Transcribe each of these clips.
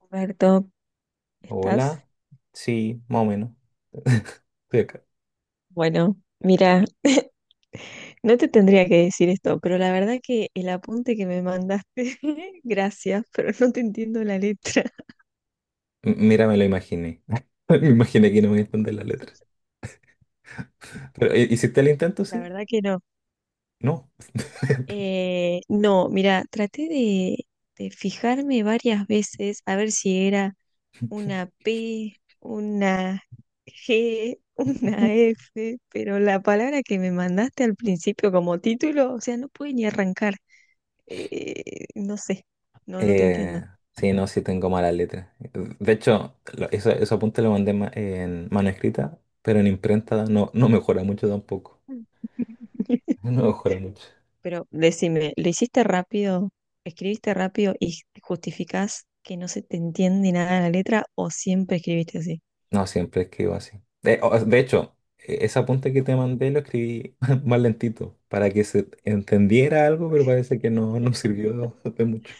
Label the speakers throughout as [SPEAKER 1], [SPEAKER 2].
[SPEAKER 1] Roberto, ¿estás?
[SPEAKER 2] Hola. Sí, más o menos. Estoy acá.
[SPEAKER 1] Bueno, mira, no te tendría que decir esto, pero la verdad que el apunte que me mandaste, gracias, pero no te entiendo la letra.
[SPEAKER 2] Mira, me lo imaginé. Me imaginé que no me entender la letra. Pero, ¿hiciste el intento,
[SPEAKER 1] La
[SPEAKER 2] sí?
[SPEAKER 1] verdad que no.
[SPEAKER 2] No.
[SPEAKER 1] No, mira, de fijarme varias veces a ver si era una P, una G, una F, pero la palabra que me mandaste al principio como título, o sea, no pude ni arrancar. No sé, no te entiendo.
[SPEAKER 2] Eh, sí, no, sí tengo malas letras. De hecho, lo- eso apunte lo mandé en mano escrita, pero en imprenta no, no mejora mucho tampoco.
[SPEAKER 1] Mm.
[SPEAKER 2] No mejora mucho.
[SPEAKER 1] Pero decime, ¿lo hiciste rápido? ¿Escribiste rápido y justificás que no se te entiende nada de la letra o siempre escribiste así?
[SPEAKER 2] No, siempre escribo así. De hecho, ese apunte que te mandé lo escribí más lentito, para que se entendiera algo, pero parece que no, no sirvió de mucho.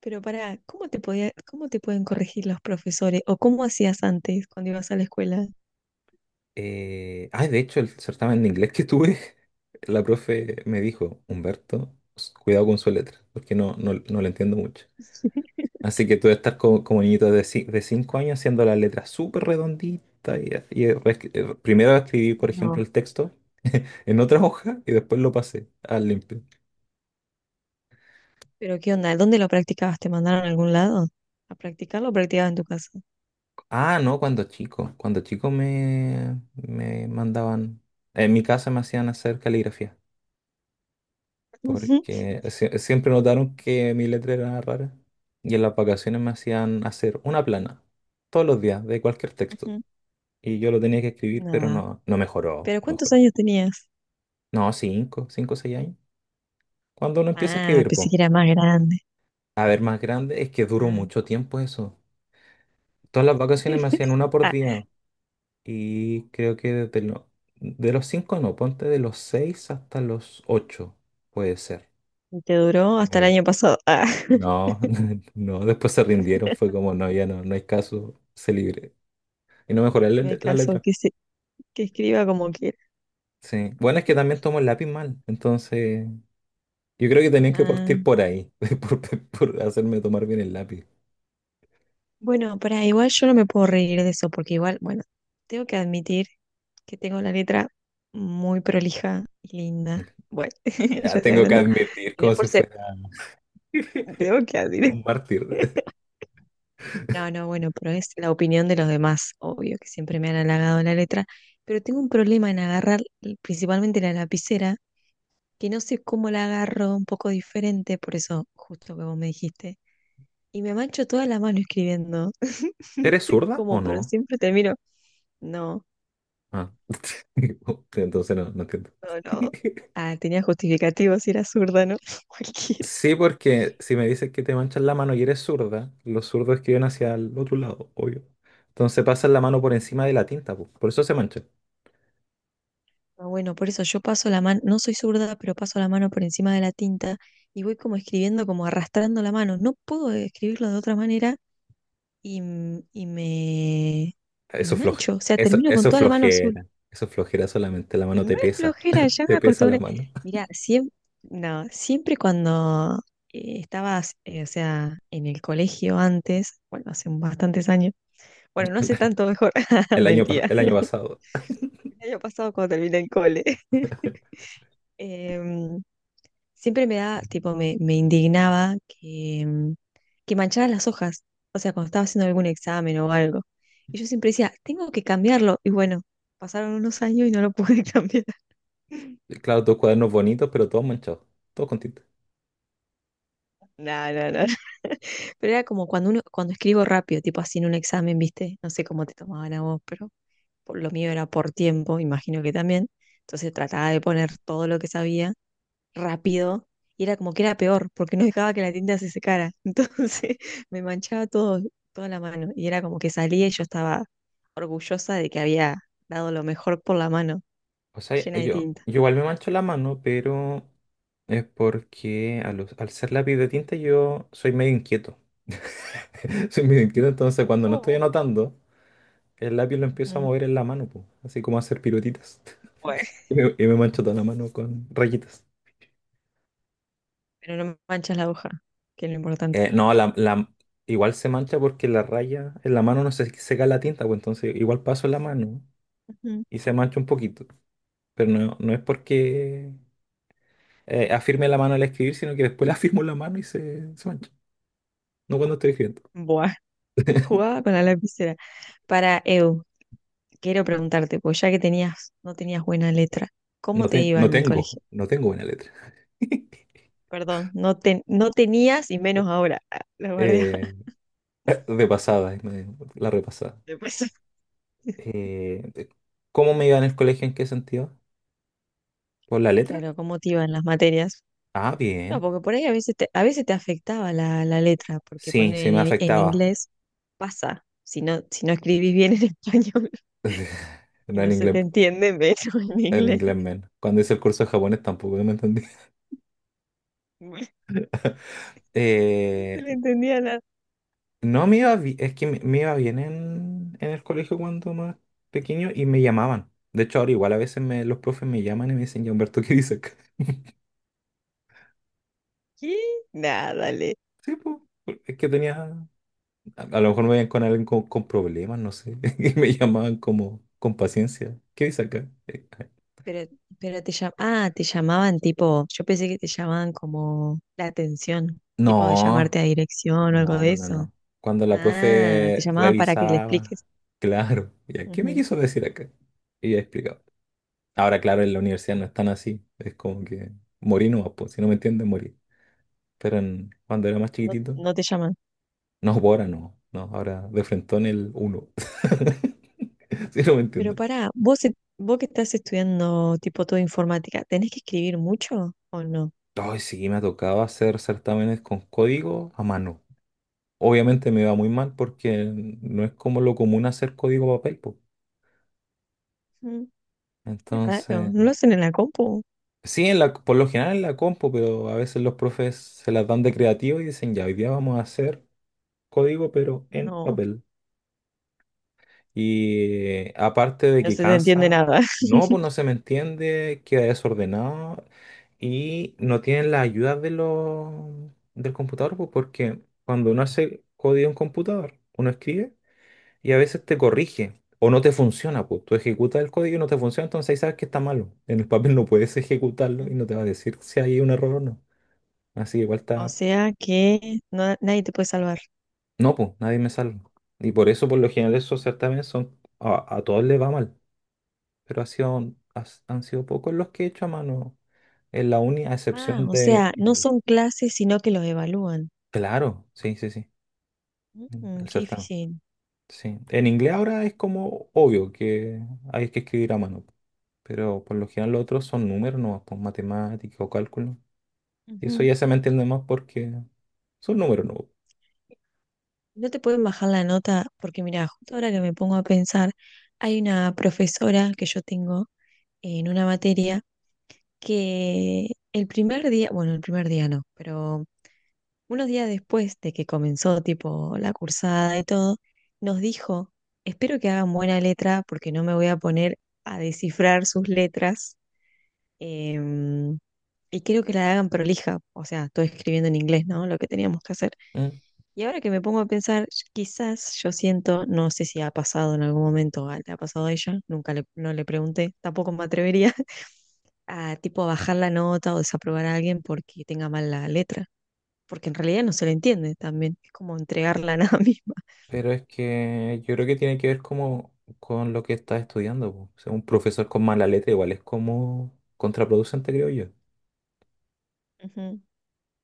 [SPEAKER 1] Pero pará, ¿cómo te pueden corregir los profesores? ¿O cómo hacías antes cuando ibas a la escuela?
[SPEAKER 2] De hecho, el certamen de inglés que tuve, la profe me dijo, Humberto, cuidado con su letra, porque no la entiendo mucho. Así que tú debes estar como, como niñito de 5 años haciendo la letra súper redondita. Primero escribí, por ejemplo,
[SPEAKER 1] No.
[SPEAKER 2] el texto en otra hoja y después lo pasé al limpio.
[SPEAKER 1] ¿Pero qué onda? ¿Dónde lo practicabas? ¿Te mandaron a algún lado? ¿A practicarlo o practicabas en tu casa?
[SPEAKER 2] Ah, no, cuando chico. Cuando chico me mandaban, en mi casa me hacían hacer caligrafía,
[SPEAKER 1] Ujú,
[SPEAKER 2] porque siempre notaron que mi letra era rara y en las vacaciones me hacían hacer una plana todos los días de cualquier texto
[SPEAKER 1] ujú.
[SPEAKER 2] y yo lo tenía que escribir, pero
[SPEAKER 1] Nada.
[SPEAKER 2] no, no mejoró,
[SPEAKER 1] ¿Pero
[SPEAKER 2] no
[SPEAKER 1] cuántos
[SPEAKER 2] mejoró.
[SPEAKER 1] años tenías?
[SPEAKER 2] No, cinco, cinco o 6 años. Cuando uno empieza a
[SPEAKER 1] Ah,
[SPEAKER 2] escribir,
[SPEAKER 1] pensé
[SPEAKER 2] pues,
[SPEAKER 1] que era más grande.
[SPEAKER 2] a ver, más grande, es que duró
[SPEAKER 1] Ah.
[SPEAKER 2] mucho tiempo eso. Todas las vacaciones me hacían una por
[SPEAKER 1] Ah,
[SPEAKER 2] día y creo que desde de los cinco, no, ponte de los seis hasta los ocho, puede ser.
[SPEAKER 1] y que duró hasta el año pasado. Ah,
[SPEAKER 2] No, no, después se rindieron, fue como, no, ya no, no hay caso, se libre. Y no mejorar
[SPEAKER 1] no hay
[SPEAKER 2] la, la letra.
[SPEAKER 1] que escriba como quiera.
[SPEAKER 2] Sí. Bueno, es que también tomo el lápiz mal, entonces yo creo que tenían que
[SPEAKER 1] Ah,
[SPEAKER 2] partir por ahí, por, por hacerme tomar bien el lápiz.
[SPEAKER 1] bueno, para igual yo no me puedo reír de eso, porque igual, bueno, tengo que admitir que tengo la letra muy prolija y linda. Bueno,
[SPEAKER 2] Ya
[SPEAKER 1] ya se
[SPEAKER 2] tengo que
[SPEAKER 1] agrandó.
[SPEAKER 2] admitir
[SPEAKER 1] Y no
[SPEAKER 2] como
[SPEAKER 1] es
[SPEAKER 2] si
[SPEAKER 1] por ser,
[SPEAKER 2] fuera
[SPEAKER 1] Tengo que admitir.
[SPEAKER 2] un mártir.
[SPEAKER 1] No, no, bueno, pero es la opinión de los demás, obvio que siempre me han halagado la letra, pero tengo un problema en agarrar principalmente la lapicera que no sé cómo la agarro un poco diferente, por eso justo que vos me dijiste. Y me mancho toda la mano escribiendo. No
[SPEAKER 2] ¿Eres
[SPEAKER 1] sé
[SPEAKER 2] zurda o
[SPEAKER 1] cómo, pero
[SPEAKER 2] no?
[SPEAKER 1] siempre te miro. No,
[SPEAKER 2] Ah. Entonces no, no entiendo.
[SPEAKER 1] no, no. Ah, tenía justificativo si era zurda, ¿no? Cualquiera.
[SPEAKER 2] Sí, porque si me dices que te manchas la mano y eres zurda, los zurdos escriben hacia el otro lado, obvio. Entonces pasan la mano por encima de la tinta, po. Por eso se mancha.
[SPEAKER 1] Ah, bueno, por eso yo paso la mano, no soy zurda, pero paso la mano por encima de la tinta y voy como escribiendo, como arrastrando la mano. No puedo escribirlo de otra manera y, m- y me, y me
[SPEAKER 2] Eso, floje-
[SPEAKER 1] mancho. O sea,
[SPEAKER 2] eso,
[SPEAKER 1] termino con
[SPEAKER 2] eso es
[SPEAKER 1] toda la mano azul.
[SPEAKER 2] flojera. Eso es flojera solamente. La mano
[SPEAKER 1] No
[SPEAKER 2] te
[SPEAKER 1] es
[SPEAKER 2] pesa.
[SPEAKER 1] flojera, ya
[SPEAKER 2] Te
[SPEAKER 1] me
[SPEAKER 2] pesa la
[SPEAKER 1] acostumbré.
[SPEAKER 2] mano.
[SPEAKER 1] Mira, no, siempre cuando o sea, en el colegio antes, bueno, hace bastantes años, bueno, no hace tanto mejor,
[SPEAKER 2] El año, pas-
[SPEAKER 1] mentira,
[SPEAKER 2] el año pasado.
[SPEAKER 1] el año pasado cuando terminé el cole, em, siempre me da, tipo, me indignaba que que mancharan las hojas, o sea, cuando estaba haciendo algún examen o algo. Y yo siempre decía, tengo que cambiarlo, y bueno, pasaron unos años y no lo pude cambiar.
[SPEAKER 2] Claro, todos cuadernos bonitos, pero todos manchados. Todos con tinta.
[SPEAKER 1] No, no, no. Pero era como cuando uno, cuando escribo rápido, tipo así en un examen, ¿viste? No sé cómo te tomaban a vos, pero por lo mío era por tiempo, imagino que también. Entonces trataba de poner todo lo que sabía rápido y era como que era peor, porque no dejaba que la tinta se secara. Entonces me manchaba todo, toda la mano y era como que salía y yo estaba orgullosa de que había dado lo mejor por la mano,
[SPEAKER 2] O sea,
[SPEAKER 1] llena
[SPEAKER 2] yo,
[SPEAKER 1] de
[SPEAKER 2] yo
[SPEAKER 1] tinta.
[SPEAKER 2] igual me mancho la mano, pero es porque al ser lápiz de tinta yo soy medio inquieto. Soy medio inquieto, entonces cuando no estoy
[SPEAKER 1] ¿Cómo?
[SPEAKER 2] anotando, el lápiz lo empiezo a
[SPEAKER 1] Ujú.
[SPEAKER 2] mover en la mano, po, así como a hacer piruetitas.
[SPEAKER 1] Bueno,
[SPEAKER 2] Y me mancho toda la mano con rayitas.
[SPEAKER 1] pero no manchas la hoja, que es lo importante.
[SPEAKER 2] No, la, la- Igual se mancha porque la raya en la mano no se seca la tinta, pues entonces igual paso la mano
[SPEAKER 1] Ujú.
[SPEAKER 2] y se mancha un poquito. Pero no, no es porque afirme la mano al escribir, sino que después la afirmo la mano y se mancha. No cuando estoy escribiendo.
[SPEAKER 1] Buah, jugaba con la lapicera. Para Eu, quiero preguntarte, pues ya que tenías, no tenías buena letra, ¿cómo
[SPEAKER 2] No,
[SPEAKER 1] te iba en el colegio?
[SPEAKER 2] no tengo buena letra.
[SPEAKER 1] Perdón, no tenías y menos ahora. Ah, la guardia
[SPEAKER 2] Eh, de pasada, la repasada.
[SPEAKER 1] después.
[SPEAKER 2] Eh, eh, ¿Cómo me iba en el colegio? ¿En qué sentido? ¿Por la letra?
[SPEAKER 1] Claro, ¿cómo te iban las materias?
[SPEAKER 2] Ah,
[SPEAKER 1] No,
[SPEAKER 2] bien.
[SPEAKER 1] porque por ahí a veces te afectaba la letra, porque
[SPEAKER 2] Sí, sí
[SPEAKER 1] poner
[SPEAKER 2] me
[SPEAKER 1] en
[SPEAKER 2] afectaba.
[SPEAKER 1] inglés pasa. Si no, si no escribís bien en español y
[SPEAKER 2] No, en
[SPEAKER 1] no se
[SPEAKER 2] inglés.
[SPEAKER 1] te entiende, menos en
[SPEAKER 2] En
[SPEAKER 1] inglés.
[SPEAKER 2] inglés menos. Cuando hice el curso de japonés tampoco no me entendí.
[SPEAKER 1] No se
[SPEAKER 2] Eh,
[SPEAKER 1] le entendía nada.
[SPEAKER 2] no me iba es que me iba bien en el colegio cuando más pequeño y me llamaban. De hecho, ahora igual a veces los profes me llaman y me dicen, ya Humberto, ¿qué dices acá?
[SPEAKER 1] ¿Qué? Nada.
[SPEAKER 2] Sí, pues, es que tenía, a lo mejor me veían con alguien con problemas, no sé, y me llamaban como con paciencia, ¿qué dices acá?
[SPEAKER 1] Pero, pero te llamaban, ah, te llamaban tipo, yo pensé que te llamaban como la atención, tipo de
[SPEAKER 2] No,
[SPEAKER 1] llamarte a dirección o algo
[SPEAKER 2] no,
[SPEAKER 1] de
[SPEAKER 2] no, no,
[SPEAKER 1] eso.
[SPEAKER 2] no. Cuando la
[SPEAKER 1] Ah, te
[SPEAKER 2] profe
[SPEAKER 1] llamaban para que le
[SPEAKER 2] revisaba,
[SPEAKER 1] expliques.
[SPEAKER 2] claro, ¿y qué me
[SPEAKER 1] Ujú.
[SPEAKER 2] quiso decir acá? Y ya explicaba. Ahora, claro, en la universidad no están así. Es como que morí nomás, pues, si no me entiendes, morí. Cuando era más
[SPEAKER 1] No,
[SPEAKER 2] chiquitito,
[SPEAKER 1] no te llaman.
[SPEAKER 2] no, pues ahora no. No, ahora de frentón el uno. Si no me
[SPEAKER 1] Pero
[SPEAKER 2] entiendes.
[SPEAKER 1] pará, vos que estás estudiando tipo todo informática, ¿tenés que escribir mucho o no?
[SPEAKER 2] Ay, sí, me tocaba hacer certámenes con código a mano. Obviamente me va muy mal porque no es como lo común hacer código a papel, po.
[SPEAKER 1] Mm, qué raro,
[SPEAKER 2] Entonces,
[SPEAKER 1] ¿no lo hacen en la compu?
[SPEAKER 2] sí, en la, por lo general en la compu, pero a veces los profes se las dan de creativo y dicen, ya, hoy día vamos a hacer código, pero en
[SPEAKER 1] No,
[SPEAKER 2] papel. Y aparte de
[SPEAKER 1] no
[SPEAKER 2] que
[SPEAKER 1] se te entiende
[SPEAKER 2] cansa,
[SPEAKER 1] nada.
[SPEAKER 2] no, pues no se me entiende, queda desordenado y no tienen la ayuda de lo del computador, pues porque cuando uno hace código en computador, uno escribe y a veces te corrige o no te funciona, pues tú ejecutas el código y no te funciona, entonces ahí sabes que está malo. En el papel no puedes ejecutarlo
[SPEAKER 1] Mm.
[SPEAKER 2] y no te va a decir si hay un error o no. Así que igual
[SPEAKER 1] O
[SPEAKER 2] está,
[SPEAKER 1] sea que nadie te puede salvar.
[SPEAKER 2] no, pues nadie me salva. Y por eso, por lo general, esos certámenes son, a todos les va mal. Pero ha sido, han sido pocos los que he hecho a mano en la uni, a
[SPEAKER 1] Ah,
[SPEAKER 2] excepción
[SPEAKER 1] o
[SPEAKER 2] de
[SPEAKER 1] sea, no
[SPEAKER 2] inglés.
[SPEAKER 1] son clases, sino que los evalúan.
[SPEAKER 2] Claro, sí, sí, sí,
[SPEAKER 1] Mm,
[SPEAKER 2] el
[SPEAKER 1] qué
[SPEAKER 2] certamen.
[SPEAKER 1] difícil.
[SPEAKER 2] Sí. En inglés ahora es como obvio que hay que escribir a mano, pero por lo general los otros son números, no, pues matemática o cálculo. Y eso
[SPEAKER 1] Ujú.
[SPEAKER 2] ya se me entiende más porque son números, no.
[SPEAKER 1] No te pueden bajar la nota porque, mira, justo ahora que me pongo a pensar, hay una profesora que yo tengo en una materia que el primer día, bueno, el primer día no, pero unos días después de que comenzó tipo la cursada y todo, nos dijo, espero que hagan buena letra porque no me voy a poner a descifrar sus letras. Em, y quiero que la hagan prolija, o sea, estoy escribiendo en inglés, ¿no? Lo que teníamos que hacer.
[SPEAKER 2] Mm.
[SPEAKER 1] Y ahora que me pongo a pensar, quizás yo siento, no sé si ha pasado en algún momento, le ha pasado a ella, nunca le, no le pregunté, tampoco me atrevería a tipo bajar la nota o desaprobar a alguien porque tenga mal la letra, porque en realidad no se le entiende también, es como entregarla a nada misma.
[SPEAKER 2] Pero es que yo creo que tiene que ver como con lo que estás estudiando, po. O sea, un profesor con mala letra igual es como contraproducente, creo yo.
[SPEAKER 1] Ujú.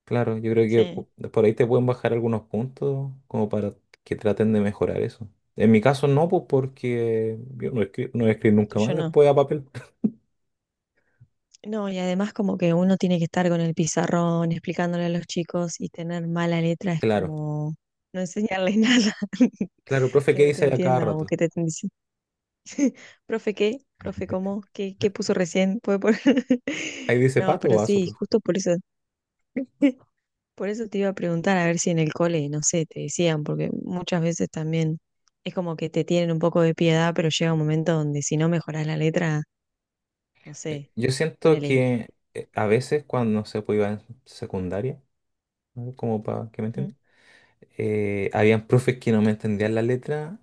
[SPEAKER 2] Claro, yo creo que
[SPEAKER 1] Sí,
[SPEAKER 2] por ahí te pueden bajar algunos puntos como para que traten de mejorar eso. En mi caso no, pues porque yo no, no voy a escribir
[SPEAKER 1] lo
[SPEAKER 2] nunca más
[SPEAKER 1] tuyo no.
[SPEAKER 2] después a papel.
[SPEAKER 1] No, y además como que uno tiene que estar con el pizarrón explicándole a los chicos y tener mala letra es
[SPEAKER 2] Claro,
[SPEAKER 1] como no enseñarles nada,
[SPEAKER 2] claro, profe,
[SPEAKER 1] que
[SPEAKER 2] ¿qué
[SPEAKER 1] no te
[SPEAKER 2] dice ahí a cada
[SPEAKER 1] entiendan o
[SPEAKER 2] rato?
[SPEAKER 1] que te estén diciendo, profe, ¿qué? ¿Profe, cómo? ¿Qué puso recién? ¿Puede poner?
[SPEAKER 2] Ahí dice
[SPEAKER 1] No,
[SPEAKER 2] pato o
[SPEAKER 1] pero
[SPEAKER 2] vaso,
[SPEAKER 1] sí,
[SPEAKER 2] profe.
[SPEAKER 1] justo por eso, por eso te iba a preguntar a ver si en el cole, no sé, te decían, porque muchas veces también es como que te tienen un poco de piedad, pero llega un momento donde si no mejoras la letra, no sé,
[SPEAKER 2] Yo siento
[SPEAKER 1] ponele...
[SPEAKER 2] que a veces cuando, no sé, pues iba en secundaria, ¿no?, como para que me
[SPEAKER 1] Ujú.
[SPEAKER 2] entiendan, habían profes que no me entendían la letra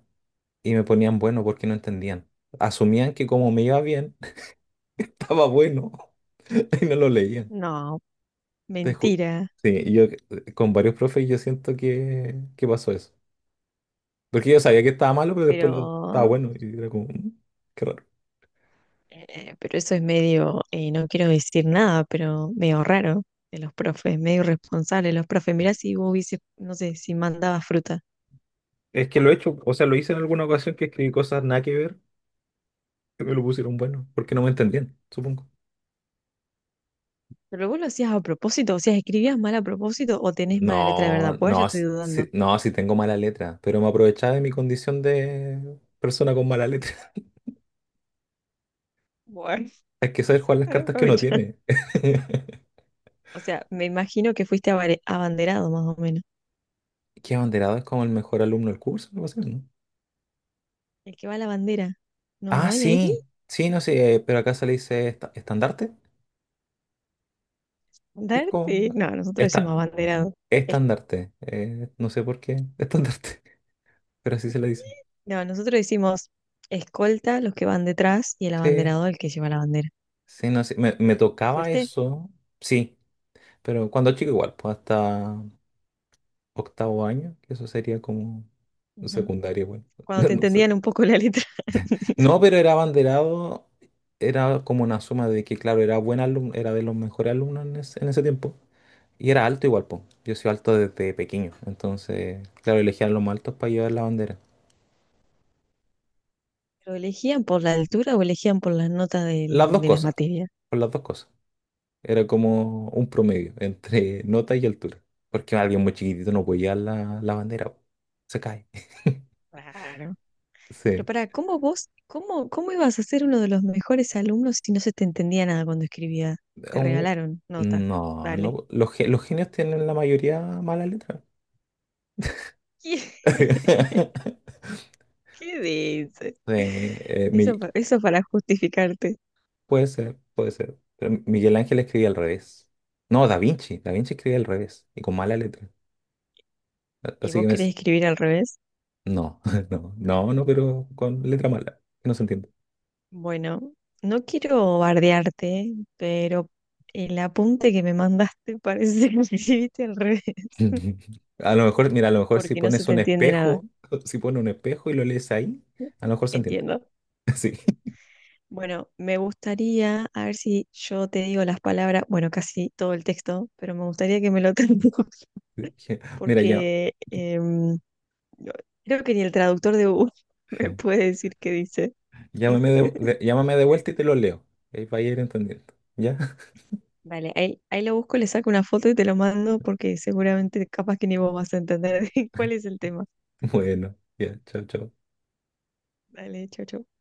[SPEAKER 2] y me ponían bueno porque no entendían. Asumían que como me iba bien, estaba bueno y no lo leían.
[SPEAKER 1] No,
[SPEAKER 2] Te ju-
[SPEAKER 1] mentira,
[SPEAKER 2] Sí, y yo con varios profes yo siento que, pasó eso. Porque yo sabía que estaba malo, pero después lo, estaba
[SPEAKER 1] pero,
[SPEAKER 2] bueno y era como, "Mm, qué raro."
[SPEAKER 1] pero eso es medio, no quiero decir nada, pero medio raro de los profes, medio irresponsable de los profes. Mirá si vos hubieses, no sé, si mandabas fruta.
[SPEAKER 2] Es que lo he hecho, o sea, lo hice en alguna ocasión que escribí cosas nada que ver, que me lo pusieron bueno, porque no me entendían, supongo.
[SPEAKER 1] Pero vos lo hacías a propósito, o sea, escribías mal a propósito o tenés mala letra de
[SPEAKER 2] No,
[SPEAKER 1] verdad, pues
[SPEAKER 2] no,
[SPEAKER 1] ya estoy dudando.
[SPEAKER 2] sí, no, sí tengo mala letra, pero me aprovechaba de mi condición de persona con mala letra.
[SPEAKER 1] Bueno,
[SPEAKER 2] Hay que saber jugar las
[SPEAKER 1] para
[SPEAKER 2] cartas que uno
[SPEAKER 1] aprovechar.
[SPEAKER 2] tiene.
[SPEAKER 1] O sea, me imagino que fuiste abanderado más o menos.
[SPEAKER 2] ¿Que abanderado es como el mejor alumno del curso, algo así, no?
[SPEAKER 1] El que va a la bandera. No,
[SPEAKER 2] Ah,
[SPEAKER 1] no hay ahí.
[SPEAKER 2] sí, sí, no sé, pero acá se le dice estandarte. Es como...
[SPEAKER 1] Darte. No, nosotros decimos
[SPEAKER 2] esta,
[SPEAKER 1] abanderado.
[SPEAKER 2] estandarte, no sé por qué. Estandarte. Pero así se le dice.
[SPEAKER 1] No, nosotros hicimos escolta, los que van detrás, y el
[SPEAKER 2] Sí,
[SPEAKER 1] abanderado, el que lleva la bandera.
[SPEAKER 2] sí, no sé. Me tocaba
[SPEAKER 1] ¿Fuiste?
[SPEAKER 2] eso. Sí, pero cuando chico igual, pues hasta 8.º año, que eso sería como
[SPEAKER 1] Ujú.
[SPEAKER 2] secundaria igual.
[SPEAKER 1] Cuando te
[SPEAKER 2] No sé.
[SPEAKER 1] entendían un poco la letra.
[SPEAKER 2] No, pero era abanderado, era como una suma de que, claro, era buen alumno, era de los mejores alumnos en ese tiempo. Y era alto igual, po. Yo soy alto desde pequeño. Entonces, claro, elegían los más altos para llevar la bandera.
[SPEAKER 1] ¿Lo elegían por la altura o elegían por las notas
[SPEAKER 2] Las dos
[SPEAKER 1] de las
[SPEAKER 2] cosas,
[SPEAKER 1] materias?
[SPEAKER 2] por las dos cosas. Era como un promedio entre nota y altura. Porque alguien muy chiquitito no puede llevar la, la bandera, po. Se cae.
[SPEAKER 1] Raro. Pero
[SPEAKER 2] Sí.
[SPEAKER 1] pará, ¿cómo ibas a ser uno de los mejores alumnos si no se te entendía nada cuando escribía? Te
[SPEAKER 2] Un-
[SPEAKER 1] regalaron nota.
[SPEAKER 2] No,
[SPEAKER 1] Dale.
[SPEAKER 2] no. Los, los genios tienen la mayoría mala letra.
[SPEAKER 1] ¿Qué, ¿qué dices?
[SPEAKER 2] Sí,
[SPEAKER 1] Eso para justificarte.
[SPEAKER 2] puede ser, puede ser. Pero Miguel Ángel escribía al revés. No, Da Vinci. Da Vinci escribía al revés y con mala letra.
[SPEAKER 1] ¿Y
[SPEAKER 2] Así que
[SPEAKER 1] vos
[SPEAKER 2] me...
[SPEAKER 1] querés escribir al revés?
[SPEAKER 2] no, no, no, no, pero con letra mala, que no se entiende.
[SPEAKER 1] Bueno, no quiero bardearte, pero el apunte que me mandaste parece que lo escribiste al revés,
[SPEAKER 2] A lo mejor, mira, a lo mejor si
[SPEAKER 1] porque no se
[SPEAKER 2] pones
[SPEAKER 1] te
[SPEAKER 2] un
[SPEAKER 1] entiende nada.
[SPEAKER 2] espejo, si pones un espejo y lo lees ahí, a lo mejor se entiende.
[SPEAKER 1] Entiendo.
[SPEAKER 2] Sí.
[SPEAKER 1] Bueno, me gustaría, a ver si yo te digo las palabras, bueno, casi todo el texto, pero me gustaría que me lo traduzcas,
[SPEAKER 2] Mira, ya,
[SPEAKER 1] porque no- creo que ni el traductor de Google me puede decir qué dice.
[SPEAKER 2] llámame de vuelta y te lo leo. Ahí va a ir entendiendo, ¿ya?
[SPEAKER 1] Vale, ahí lo busco, le saco una foto y te lo mando, porque seguramente capaz que ni vos vas a entender cuál es el tema.
[SPEAKER 2] Bueno, ya, chao, chao.
[SPEAKER 1] Vale, chao, chao.